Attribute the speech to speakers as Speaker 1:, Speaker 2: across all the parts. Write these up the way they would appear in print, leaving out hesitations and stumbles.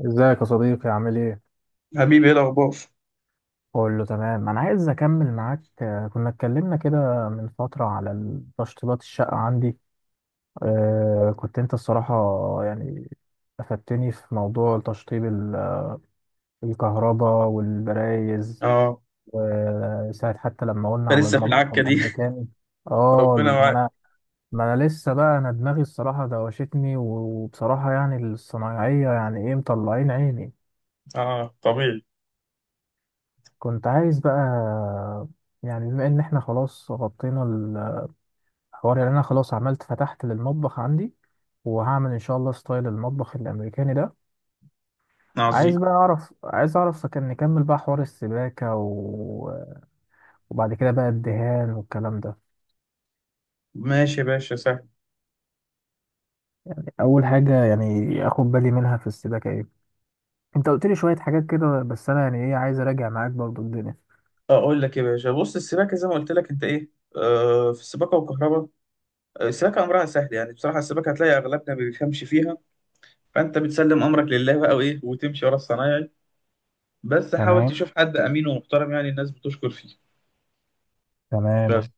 Speaker 1: ازيك يا صديقي عامل ايه؟
Speaker 2: حبيبي ايه الاخبار؟
Speaker 1: قول له تمام انا عايز اكمل معاك كنا اتكلمنا كده من فترة على تشطيبات الشقة عندي. آه، كنت انت الصراحة، يعني افدتني في موضوع تشطيب الكهرباء والبرايز،
Speaker 2: اه
Speaker 1: وساعة حتى لما قلنا
Speaker 2: انت
Speaker 1: على
Speaker 2: لسه في
Speaker 1: المطبخ
Speaker 2: العكه دي؟
Speaker 1: الامريكاني.
Speaker 2: ربنا
Speaker 1: اه، ما
Speaker 2: معاك.
Speaker 1: انا ما انا لسه بقى، انا دماغي الصراحة دوشتني، وبصراحة يعني الصنايعية يعني ايه مطلعين عيني.
Speaker 2: اه طبيعي.
Speaker 1: كنت عايز بقى، يعني بما ان احنا خلاص غطينا الحوار، يعني انا خلاص عملت فتحت للمطبخ عندي، وهعمل ان شاء الله ستايل المطبخ الامريكاني ده.
Speaker 2: عظيم.
Speaker 1: عايز بقى اعرف، عايز اعرف كان نكمل بقى حوار السباكة، وبعد كده بقى الدهان والكلام ده.
Speaker 2: ماشي يا باشا، سهل.
Speaker 1: اول حاجة يعني اخد بالي منها في السباكة ايه؟ انت قلت لي شوية حاجات كده، بس انا يعني ايه عايز اراجع معاك برضو الدنيا.
Speaker 2: اقول لك يا باشا، بص السباكه زي ما قلت لك انت ايه، آه، في السباكه والكهرباء. آه، السباكه امرها سهل، يعني بصراحه السباكه هتلاقي اغلبنا ما بيفهمش فيها، فانت بتسلم امرك لله بقى وايه وتمشي ورا الصنايعي. بس حاول
Speaker 1: تمام،
Speaker 2: تشوف حد امين ومحترم، يعني الناس بتشكر فيه. بس
Speaker 1: تمام،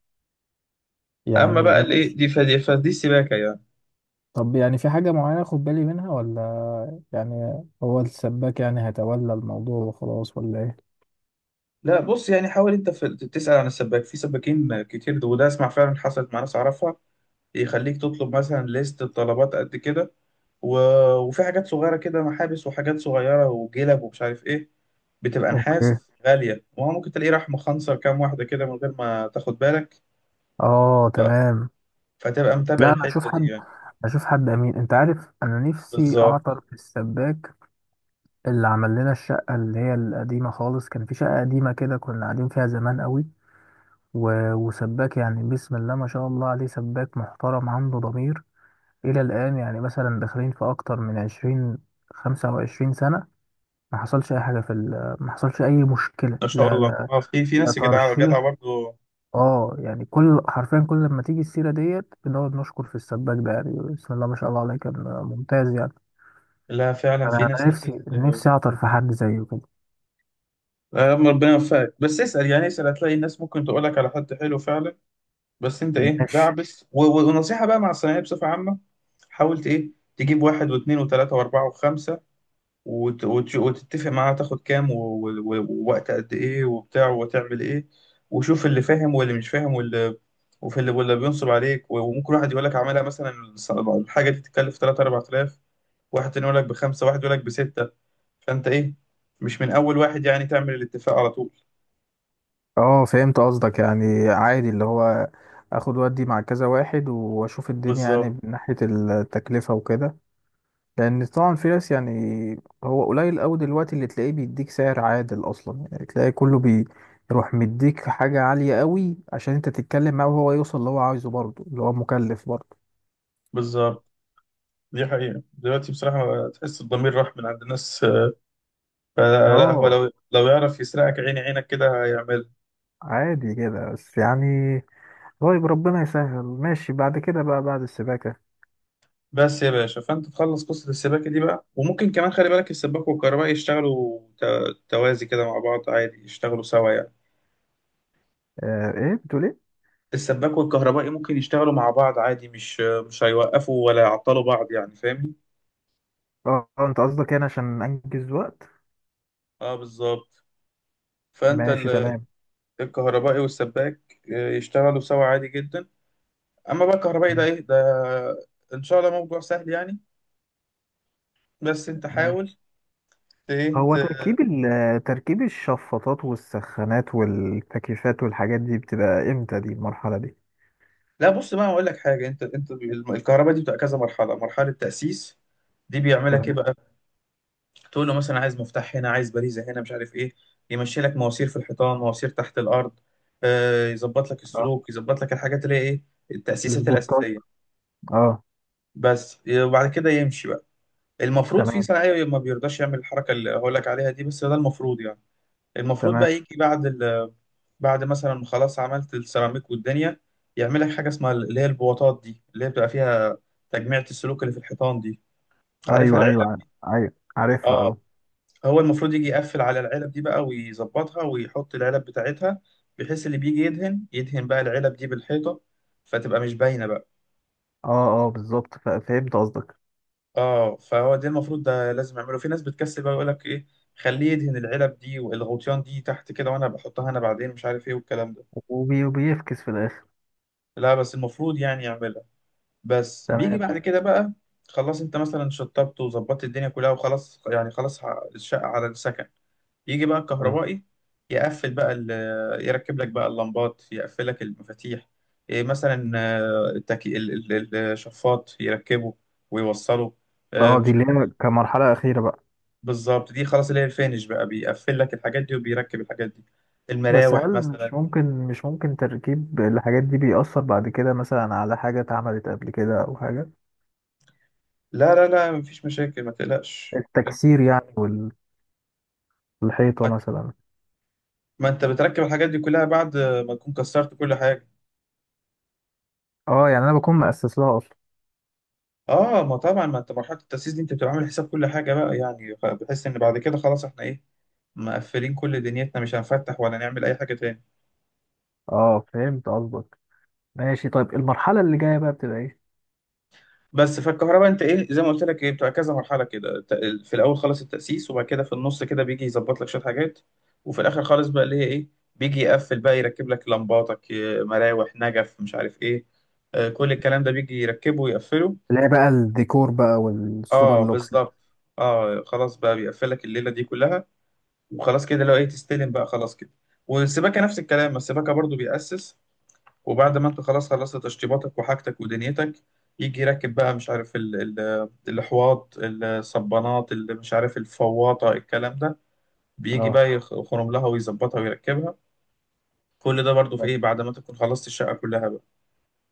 Speaker 2: اما
Speaker 1: يعني
Speaker 2: بقى الايه
Speaker 1: ماشي.
Speaker 2: دي فدي السباكه يعني.
Speaker 1: طب يعني في حاجة معينة أخد بالي منها، ولا يعني هو السباك يعني هيتولى الموضوع وخلاص ولا إيه؟
Speaker 2: لا بص، يعني حاول انت في تسال عن السباك، في سباكين كتير، وده اسمع فعلا حصلت مع ناس اعرفها، يخليك تطلب مثلا ليست بطلبات قد كده و... وفي حاجات صغيرة كده، محابس وحاجات صغيرة وجلب ومش عارف ايه، بتبقى
Speaker 1: اوكي،
Speaker 2: نحاس غالية، وهو ممكن تلاقيه راح مخنصر كام واحدة كده من غير ما تاخد بالك.
Speaker 1: اه
Speaker 2: ف...
Speaker 1: تمام.
Speaker 2: فتبقى متابع
Speaker 1: لا انا اشوف
Speaker 2: الحتة دي
Speaker 1: حد،
Speaker 2: يعني.
Speaker 1: اشوف حد امين، انت عارف انا نفسي
Speaker 2: بالظبط.
Speaker 1: اعطر في السباك اللي عمل لنا الشقه اللي هي القديمه خالص. كان في شقه قديمه كده كنا قاعدين فيها زمان قوي، وسباك يعني بسم الله ما شاء الله عليه، سباك محترم عنده ضمير الى الان. يعني مثلا داخلين في اكتر من 20 25 سنه، ما حصلش اي حاجه في ما حصلش اي مشكله،
Speaker 2: ما شاء
Speaker 1: لا
Speaker 2: الله،
Speaker 1: لا،
Speaker 2: اه في في
Speaker 1: لا
Speaker 2: ناس جدعة جدعة
Speaker 1: ترشيح.
Speaker 2: برضه.
Speaker 1: اه يعني كل حرفيا كل لما تيجي السيره ديت بنقعد نشكر في السباك ده، يعني بسم الله ما شاء الله عليه، كان ممتاز يعني.
Speaker 2: لا فعلا
Speaker 1: انا
Speaker 2: في ناس كتير.
Speaker 1: نفسي اعطر في حد زيه كده.
Speaker 2: آه، ربنا يوفقك، بس اسأل يعني، اسأل هتلاقي الناس ممكن تقولك على حد حلو فعلا. بس انت ايه
Speaker 1: ماشي.
Speaker 2: دعبس ونصيحة بقى مع الثانوية بصفة عامة. حاولت ايه تجيب واحد واثنين وثلاثة واربعة وخمسة وتتفق معاه تاخد كام ووقت قد ايه وبتاع وتعمل ايه، وشوف اللي فاهم واللي مش فاهم واللي وفي اللي واللي بينصب عليك، وممكن واحد يقول لك اعملها مثلا الحاجة دي تتكلف 3 4000، واحد تاني يقول لك بخمسة، واحد يقول لك بستة. فانت ايه مش من اول واحد يعني تعمل الاتفاق على طول.
Speaker 1: اه فهمت قصدك، يعني عادي اللي هو اخد ودي مع كذا واحد، واشوف الدنيا يعني
Speaker 2: بالظبط.
Speaker 1: من ناحية التكلفة وكده. لان طبعا في ناس يعني هو قليل قوي دلوقتي اللي تلاقيه بيديك سعر عادل اصلا، يعني تلاقي كله بيروح مديك حاجه عاليه قوي، عشان انت تتكلم معاه وهو يوصل اللي هو عايزه برضه اللي هو مكلف برضه.
Speaker 2: بالظبط، دي حقيقة، دلوقتي بصراحة تحس الضمير راح من عند الناس. آه، لا هو
Speaker 1: اه
Speaker 2: لو يعرف يسرقك عيني عينك كده هيعملها.
Speaker 1: عادي كده بس يعني. طيب ربنا يسهل، ماشي. بعد كده بقى بعد السباكه،
Speaker 2: بس يا باشا، فأنت تخلص قصة السباكة دي بقى، وممكن كمان خلي بالك السباك والكهربائي يشتغلوا توازي كده مع بعض عادي، يشتغلوا سوا يعني.
Speaker 1: آه ايه بتقول ايه؟
Speaker 2: السباك والكهربائي ممكن يشتغلوا مع بعض عادي، مش هيوقفوا ولا يعطلوا بعض يعني، فاهمني؟
Speaker 1: اه، آه، انت قصدك يعني عشان انجز وقت.
Speaker 2: اه بالظبط. فأنت
Speaker 1: ماشي تمام.
Speaker 2: الكهربائي والسباك آه، يشتغلوا سوا عادي جدا. أما بقى الكهربائي ده
Speaker 1: تمام،
Speaker 2: إيه ده، إن شاء الله موضوع سهل يعني. بس انت
Speaker 1: ماشي.
Speaker 2: حاول ت...
Speaker 1: هو
Speaker 2: ت-
Speaker 1: تركيب تركيب الشفاطات والسخانات والتكييفات والحاجات دي بتبقى امتى؟ دي المرحلة دي.
Speaker 2: لا بص بقى هقول لك حاجه، انت الكهرباء دي بتبقى كذا مرحله. مرحله تاسيس، دي بيعملك ايه
Speaker 1: تمام.
Speaker 2: بقى، تقول له مثلا عايز مفتاح هنا، عايز باريزه هنا، مش عارف ايه، يمشي لك مواسير في الحيطان، مواسير تحت الارض، آه، يظبط لك
Speaker 1: اه،
Speaker 2: السلوك، يظبط لك الحاجات اللي هي ايه، التاسيسات
Speaker 1: السبوتات.
Speaker 2: الاساسيه
Speaker 1: اه.
Speaker 2: بس. وبعد كده يمشي بقى، المفروض في
Speaker 1: تمام،
Speaker 2: صنايعي ما بيرضاش يعمل الحركه اللي هقول لك عليها دي، بس ده المفروض يعني. المفروض
Speaker 1: تمام.
Speaker 2: بقى يجي بعد بعد مثلا ما خلاص عملت السيراميك والدنيا، يعمل لك حاجه اسمها اللي هي البواطات دي، اللي هي بتبقى فيها تجميعة السلوك اللي في الحيطان دي، عارفها،
Speaker 1: ايوه،
Speaker 2: العلب.
Speaker 1: ايوه عارفها
Speaker 2: اه.
Speaker 1: اه.
Speaker 2: هو المفروض يجي يقفل على العلب دي بقى، ويظبطها ويحط العلب بتاعتها، بحيث اللي بيجي يدهن يدهن بقى العلب دي بالحيطه، فتبقى مش باينه بقى.
Speaker 1: اه اه بالظبط، فهمت قصدك.
Speaker 2: اه فهو ده المفروض، ده لازم اعمله. في ناس بتكسل بقى يقول لك ايه، خليه يدهن العلب دي والغطيان دي تحت كده، وانا بحطها انا بعدين مش عارف ايه والكلام ده.
Speaker 1: وبيفكس في الاخر.
Speaker 2: لا بس المفروض يعني يعملها. بس بيجي
Speaker 1: تمام.
Speaker 2: بعد كده بقى، خلاص انت مثلا شطبت وظبطت الدنيا كلها وخلاص، يعني خلاص الشقة على السكن، يجي بقى
Speaker 1: تمام.
Speaker 2: الكهربائي يقفل بقى يركب لك بقى اللمبات، يقفل لك المفاتيح، إيه مثلا آه، الشفاط يركبه ويوصله، آه،
Speaker 1: اه دي
Speaker 2: مش
Speaker 1: اللي
Speaker 2: عارف.
Speaker 1: هي كمرحلة أخيرة بقى.
Speaker 2: بالظبط، دي خلاص اللي هي الفينش بقى، بيقفل لك الحاجات دي وبيركب الحاجات دي،
Speaker 1: بس هل
Speaker 2: المراوح
Speaker 1: مش
Speaker 2: مثلا.
Speaker 1: ممكن، تركيب الحاجات دي بيأثر بعد كده مثلا على حاجة اتعملت قبل كده أو حاجة؟
Speaker 2: لا، مفيش مشاكل، ما تقلقش انت.
Speaker 1: التكسير يعني، والحيطة
Speaker 2: ما
Speaker 1: مثلا.
Speaker 2: ما انت بتركب الحاجات دي كلها بعد ما تكون كسرت كل حاجة.
Speaker 1: اه يعني انا بكون مؤسس لها اصلا.
Speaker 2: اه ما طبعا، ما انت مرحله التاسيس دي انت بتبقى عامل حساب كل حاجه بقى يعني، بحس ان بعد كده خلاص احنا ايه، مقفلين كل دنيتنا مش هنفتح ولا نعمل اي حاجه تاني.
Speaker 1: اه فهمت قصدك. ماشي. طيب المرحله اللي جايه بقى بتبقى ايه؟
Speaker 2: بس فالكهرباء انت ايه زي ما قلت لك، ايه بتبقى كذا مرحله كده. في الاول خالص التاسيس، وبعد كده في النص كده بيجي يظبط لك شويه حاجات، وفي الاخر خالص بقى اللي هي ايه، بيجي يقفل بقى يركب لك لمباتك، مراوح، نجف، مش عارف ايه، آه، كل الكلام ده بيجي يركبه ويقفله.
Speaker 1: اللي هي بقى الديكور بقى والسوبر
Speaker 2: اه
Speaker 1: لوكس بقى.
Speaker 2: بالظبط. اه خلاص بقى، بيقفل لك الليله دي كلها، وخلاص كده لو ايه تستلم بقى خلاص كده. والسباكة نفس الكلام، السباكة برضو بيأسس، وبعد ما انت خلاص خلصت تشطيباتك وحاجتك ودنيتك، يجي يركب بقى مش عارف ال ال الحواض، الصبانات، اللي مش عارف الفواطة، الكلام ده، بيجي
Speaker 1: اه.
Speaker 2: بقى يخرم لها ويظبطها ويركبها. كل ده برضو في ايه بعد ما تكون خلصت الشقة كلها بقى،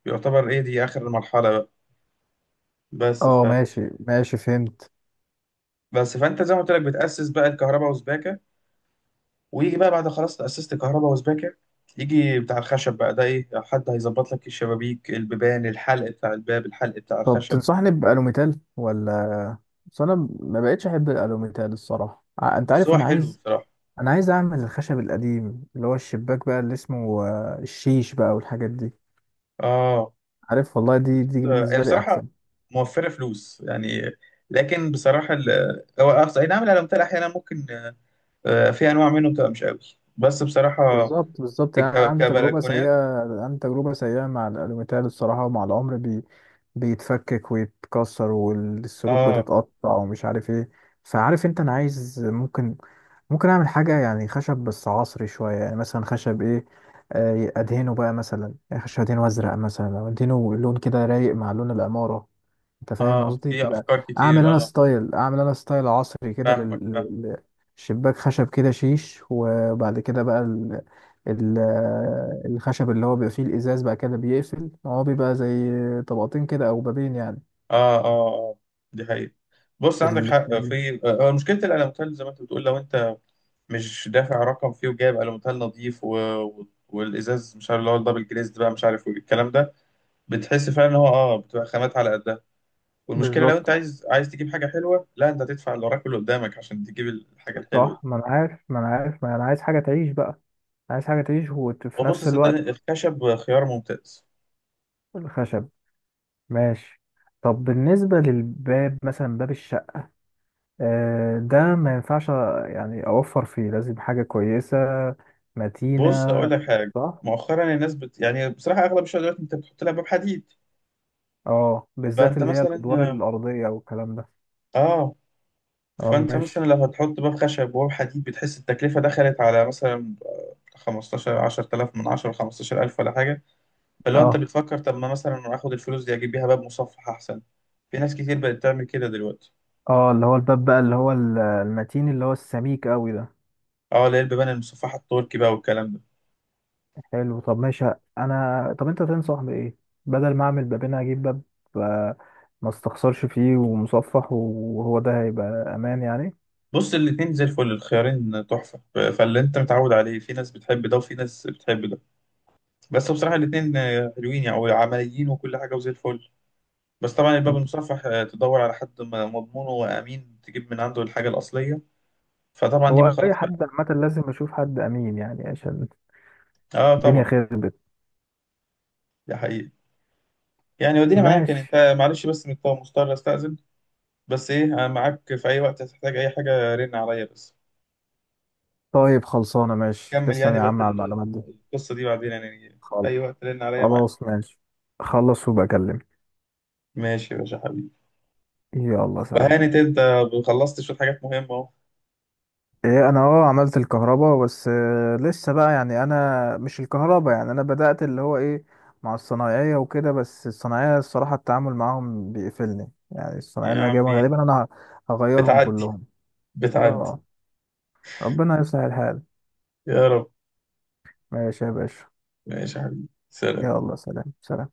Speaker 2: يعتبر ايه دي آخر المرحلة بقى. بس ف
Speaker 1: اه ماشي ماشي فهمت.
Speaker 2: بس فانت زي ما قلت لك بتأسس بقى الكهرباء وسباكة، ويجي بقى بعد خلاص تأسست كهرباء وسباكة، يجي بتاع الخشب بقى ده ايه، حد هيظبط لك الشبابيك، البيبان، الحلق بتاع الباب، الحلق بتاع
Speaker 1: طب
Speaker 2: الخشب، مش
Speaker 1: تنصحني
Speaker 2: عارف.
Speaker 1: بألوميتال، ولا بس انا ما بقتش احب الألوميتال الصراحة، انت
Speaker 2: بس
Speaker 1: عارف
Speaker 2: هو حلو بصراحة.
Speaker 1: انا عايز اعمل الخشب القديم اللي هو الشباك بقى، اللي اسمه آه، الشيش بقى والحاجات دي.
Speaker 2: اه
Speaker 1: عارف والله، دي
Speaker 2: هي
Speaker 1: بالنسبة لي
Speaker 2: بصراحة
Speaker 1: احسن.
Speaker 2: موفرة فلوس يعني، لكن بصراحة هو أقصى، اي نعم الألمتال احيانا ممكن آه، في انواع منه بتبقى مش قوي، بس بصراحة
Speaker 1: بالظبط، بالظبط، يعني انا عندي تجربه
Speaker 2: كبلكونات.
Speaker 1: سيئه، عندي تجربه سيئه مع الالوميتال الصراحه، ومع العمر بيتفكك ويتكسر والسلوك
Speaker 2: اه.
Speaker 1: بتتقطع ومش عارف ايه. فعارف انت، انا عايز ممكن، ممكن اعمل حاجه يعني خشب بس عصري شويه، يعني مثلا خشب ايه، آه، ادهنه بقى، مثلا يعني خشب ادهنه ازرق، مثلا او ادهنه لون كده رايق مع لون العماره. انت فاهم
Speaker 2: اه
Speaker 1: قصدي
Speaker 2: في
Speaker 1: تبقى
Speaker 2: افكار
Speaker 1: اعمل
Speaker 2: كتير،
Speaker 1: انا
Speaker 2: اه.
Speaker 1: ستايل، عصري كده
Speaker 2: فاهمك فاهمك.
Speaker 1: لل- شباك خشب كده شيش، وبعد كده بقى ال... الخشب اللي هو بيبقى فيه الازاز بقى كده بيقفل، هو بيبقى زي طبقتين كده او بابين يعني.
Speaker 2: اه، دي حقيقة. بص، عندك حق
Speaker 1: ال-
Speaker 2: في آه، مشكلة الألوميتال زي ما انت بتقول، لو انت مش دافع رقم فيه وجايب ألوميتال نظيف والإزاز مش عارف اللي هو الدبل جليزد بقى مش عارف والكلام ده، بتحس فعلا ان هو اه بتبقى خامات على قدها. والمشكلة لو انت
Speaker 1: بالظبط.
Speaker 2: عايز تجيب حاجة حلوة، لا انت هتدفع اللي وراك واللي قدامك عشان تجيب الحاجة الحلوة
Speaker 1: صح،
Speaker 2: دي.
Speaker 1: ما انا عارف ما انا عايز حاجه تعيش بقى، عايز حاجه تعيش وفي
Speaker 2: وبص
Speaker 1: نفس
Speaker 2: صدقني
Speaker 1: الوقت.
Speaker 2: الخشب خيار ممتاز.
Speaker 1: الخشب. ماشي. طب بالنسبه للباب مثلا، باب الشقه آه، ده ما ينفعش يعني اوفر فيه، لازم حاجة كويسة متينة.
Speaker 2: بص أقول لك حاجة،
Speaker 1: صح.
Speaker 2: مؤخرا الناس يعني بصراحة أغلب الشغلات دلوقتي انت بتحط لها باب حديد.
Speaker 1: اه بالذات
Speaker 2: فانت
Speaker 1: اللي هي الادوار
Speaker 2: مثلا،
Speaker 1: الارضية والكلام ده.
Speaker 2: اه
Speaker 1: اه
Speaker 2: فانت
Speaker 1: ماشي.
Speaker 2: مثلا لو هتحط باب خشب وباب حديد بتحس التكلفه دخلت على مثلا 15 10000 من 10 15000 ولا حاجه. فلو انت
Speaker 1: اه
Speaker 2: بتفكر طب ما مثلا اخد الفلوس دي اجيب بيها باب مصفح احسن، في ناس كتير بقت تعمل كده دلوقتي.
Speaker 1: اه اللي هو الباب بقى، اللي هو المتين، اللي هو السميك قوي ده.
Speaker 2: اه اللي هي البيبان المصفحه التركي بقى والكلام ده.
Speaker 1: حلو. طب ماشي انا، طب انت تنصح بايه؟ بدل ما اعمل بابين هجيب باب آه، ما استخسرش فيه ومصفح، وهو ده هيبقى امان يعني.
Speaker 2: بص الاتنين زي الفل، الخيارين تحفه، فاللي انت متعود عليه، في ناس بتحب ده وفي ناس بتحب ده، بس بصراحه الاتنين آه، حلوين يعني وعمليين وكل حاجه وزي الفل. بس طبعا الباب
Speaker 1: م.
Speaker 2: المصفح آه، تدور على حد مضمون وامين تجيب من عنده الحاجه الاصليه، فطبعا دي بقى
Speaker 1: هو اي
Speaker 2: خلاص بقى.
Speaker 1: حد عامه لازم اشوف حد امين يعني، عشان
Speaker 2: اه
Speaker 1: الدنيا
Speaker 2: طبعا.
Speaker 1: خربت.
Speaker 2: دي حقيقة. يعني وديني معاك يعني
Speaker 1: ماشي.
Speaker 2: انت، معلش بس مضطر استأذن. بس ايه انا معاك في اي وقت هتحتاج اي حاجة رن عليا بس،
Speaker 1: طيب خلصانة، ماشي،
Speaker 2: كمل
Speaker 1: تسلم
Speaker 2: يعني
Speaker 1: يا
Speaker 2: بقى
Speaker 1: عم على المعلومات دي.
Speaker 2: القصة دي بعدين، يعني في
Speaker 1: خلاص،
Speaker 2: اي وقت رن عليا معاك.
Speaker 1: خلاص ماشي. خلص وبقى اكلم.
Speaker 2: ماشي يا باشا حبيبي.
Speaker 1: يلا سلام.
Speaker 2: وهانت انت، خلصت شوية حاجات مهمة اهو.
Speaker 1: ايه، انا اه عملت الكهرباء بس آه، لسه بقى، يعني انا مش الكهرباء، يعني انا بدأت اللي هو ايه مع الصنايعية وكده، بس الصنايعية الصراحة التعامل معاهم بيقفلني، يعني
Speaker 2: يا
Speaker 1: الصنايعية اللي انا جايبها
Speaker 2: عمي
Speaker 1: غالبا انا هغيرهم
Speaker 2: بتعدي،
Speaker 1: كلهم.
Speaker 2: بتعدي.
Speaker 1: اه ربنا يصلح الحال.
Speaker 2: يا رب.
Speaker 1: ماشي يا باشا.
Speaker 2: ماشي يا حبيبي، سلام.
Speaker 1: يلا سلام سلام.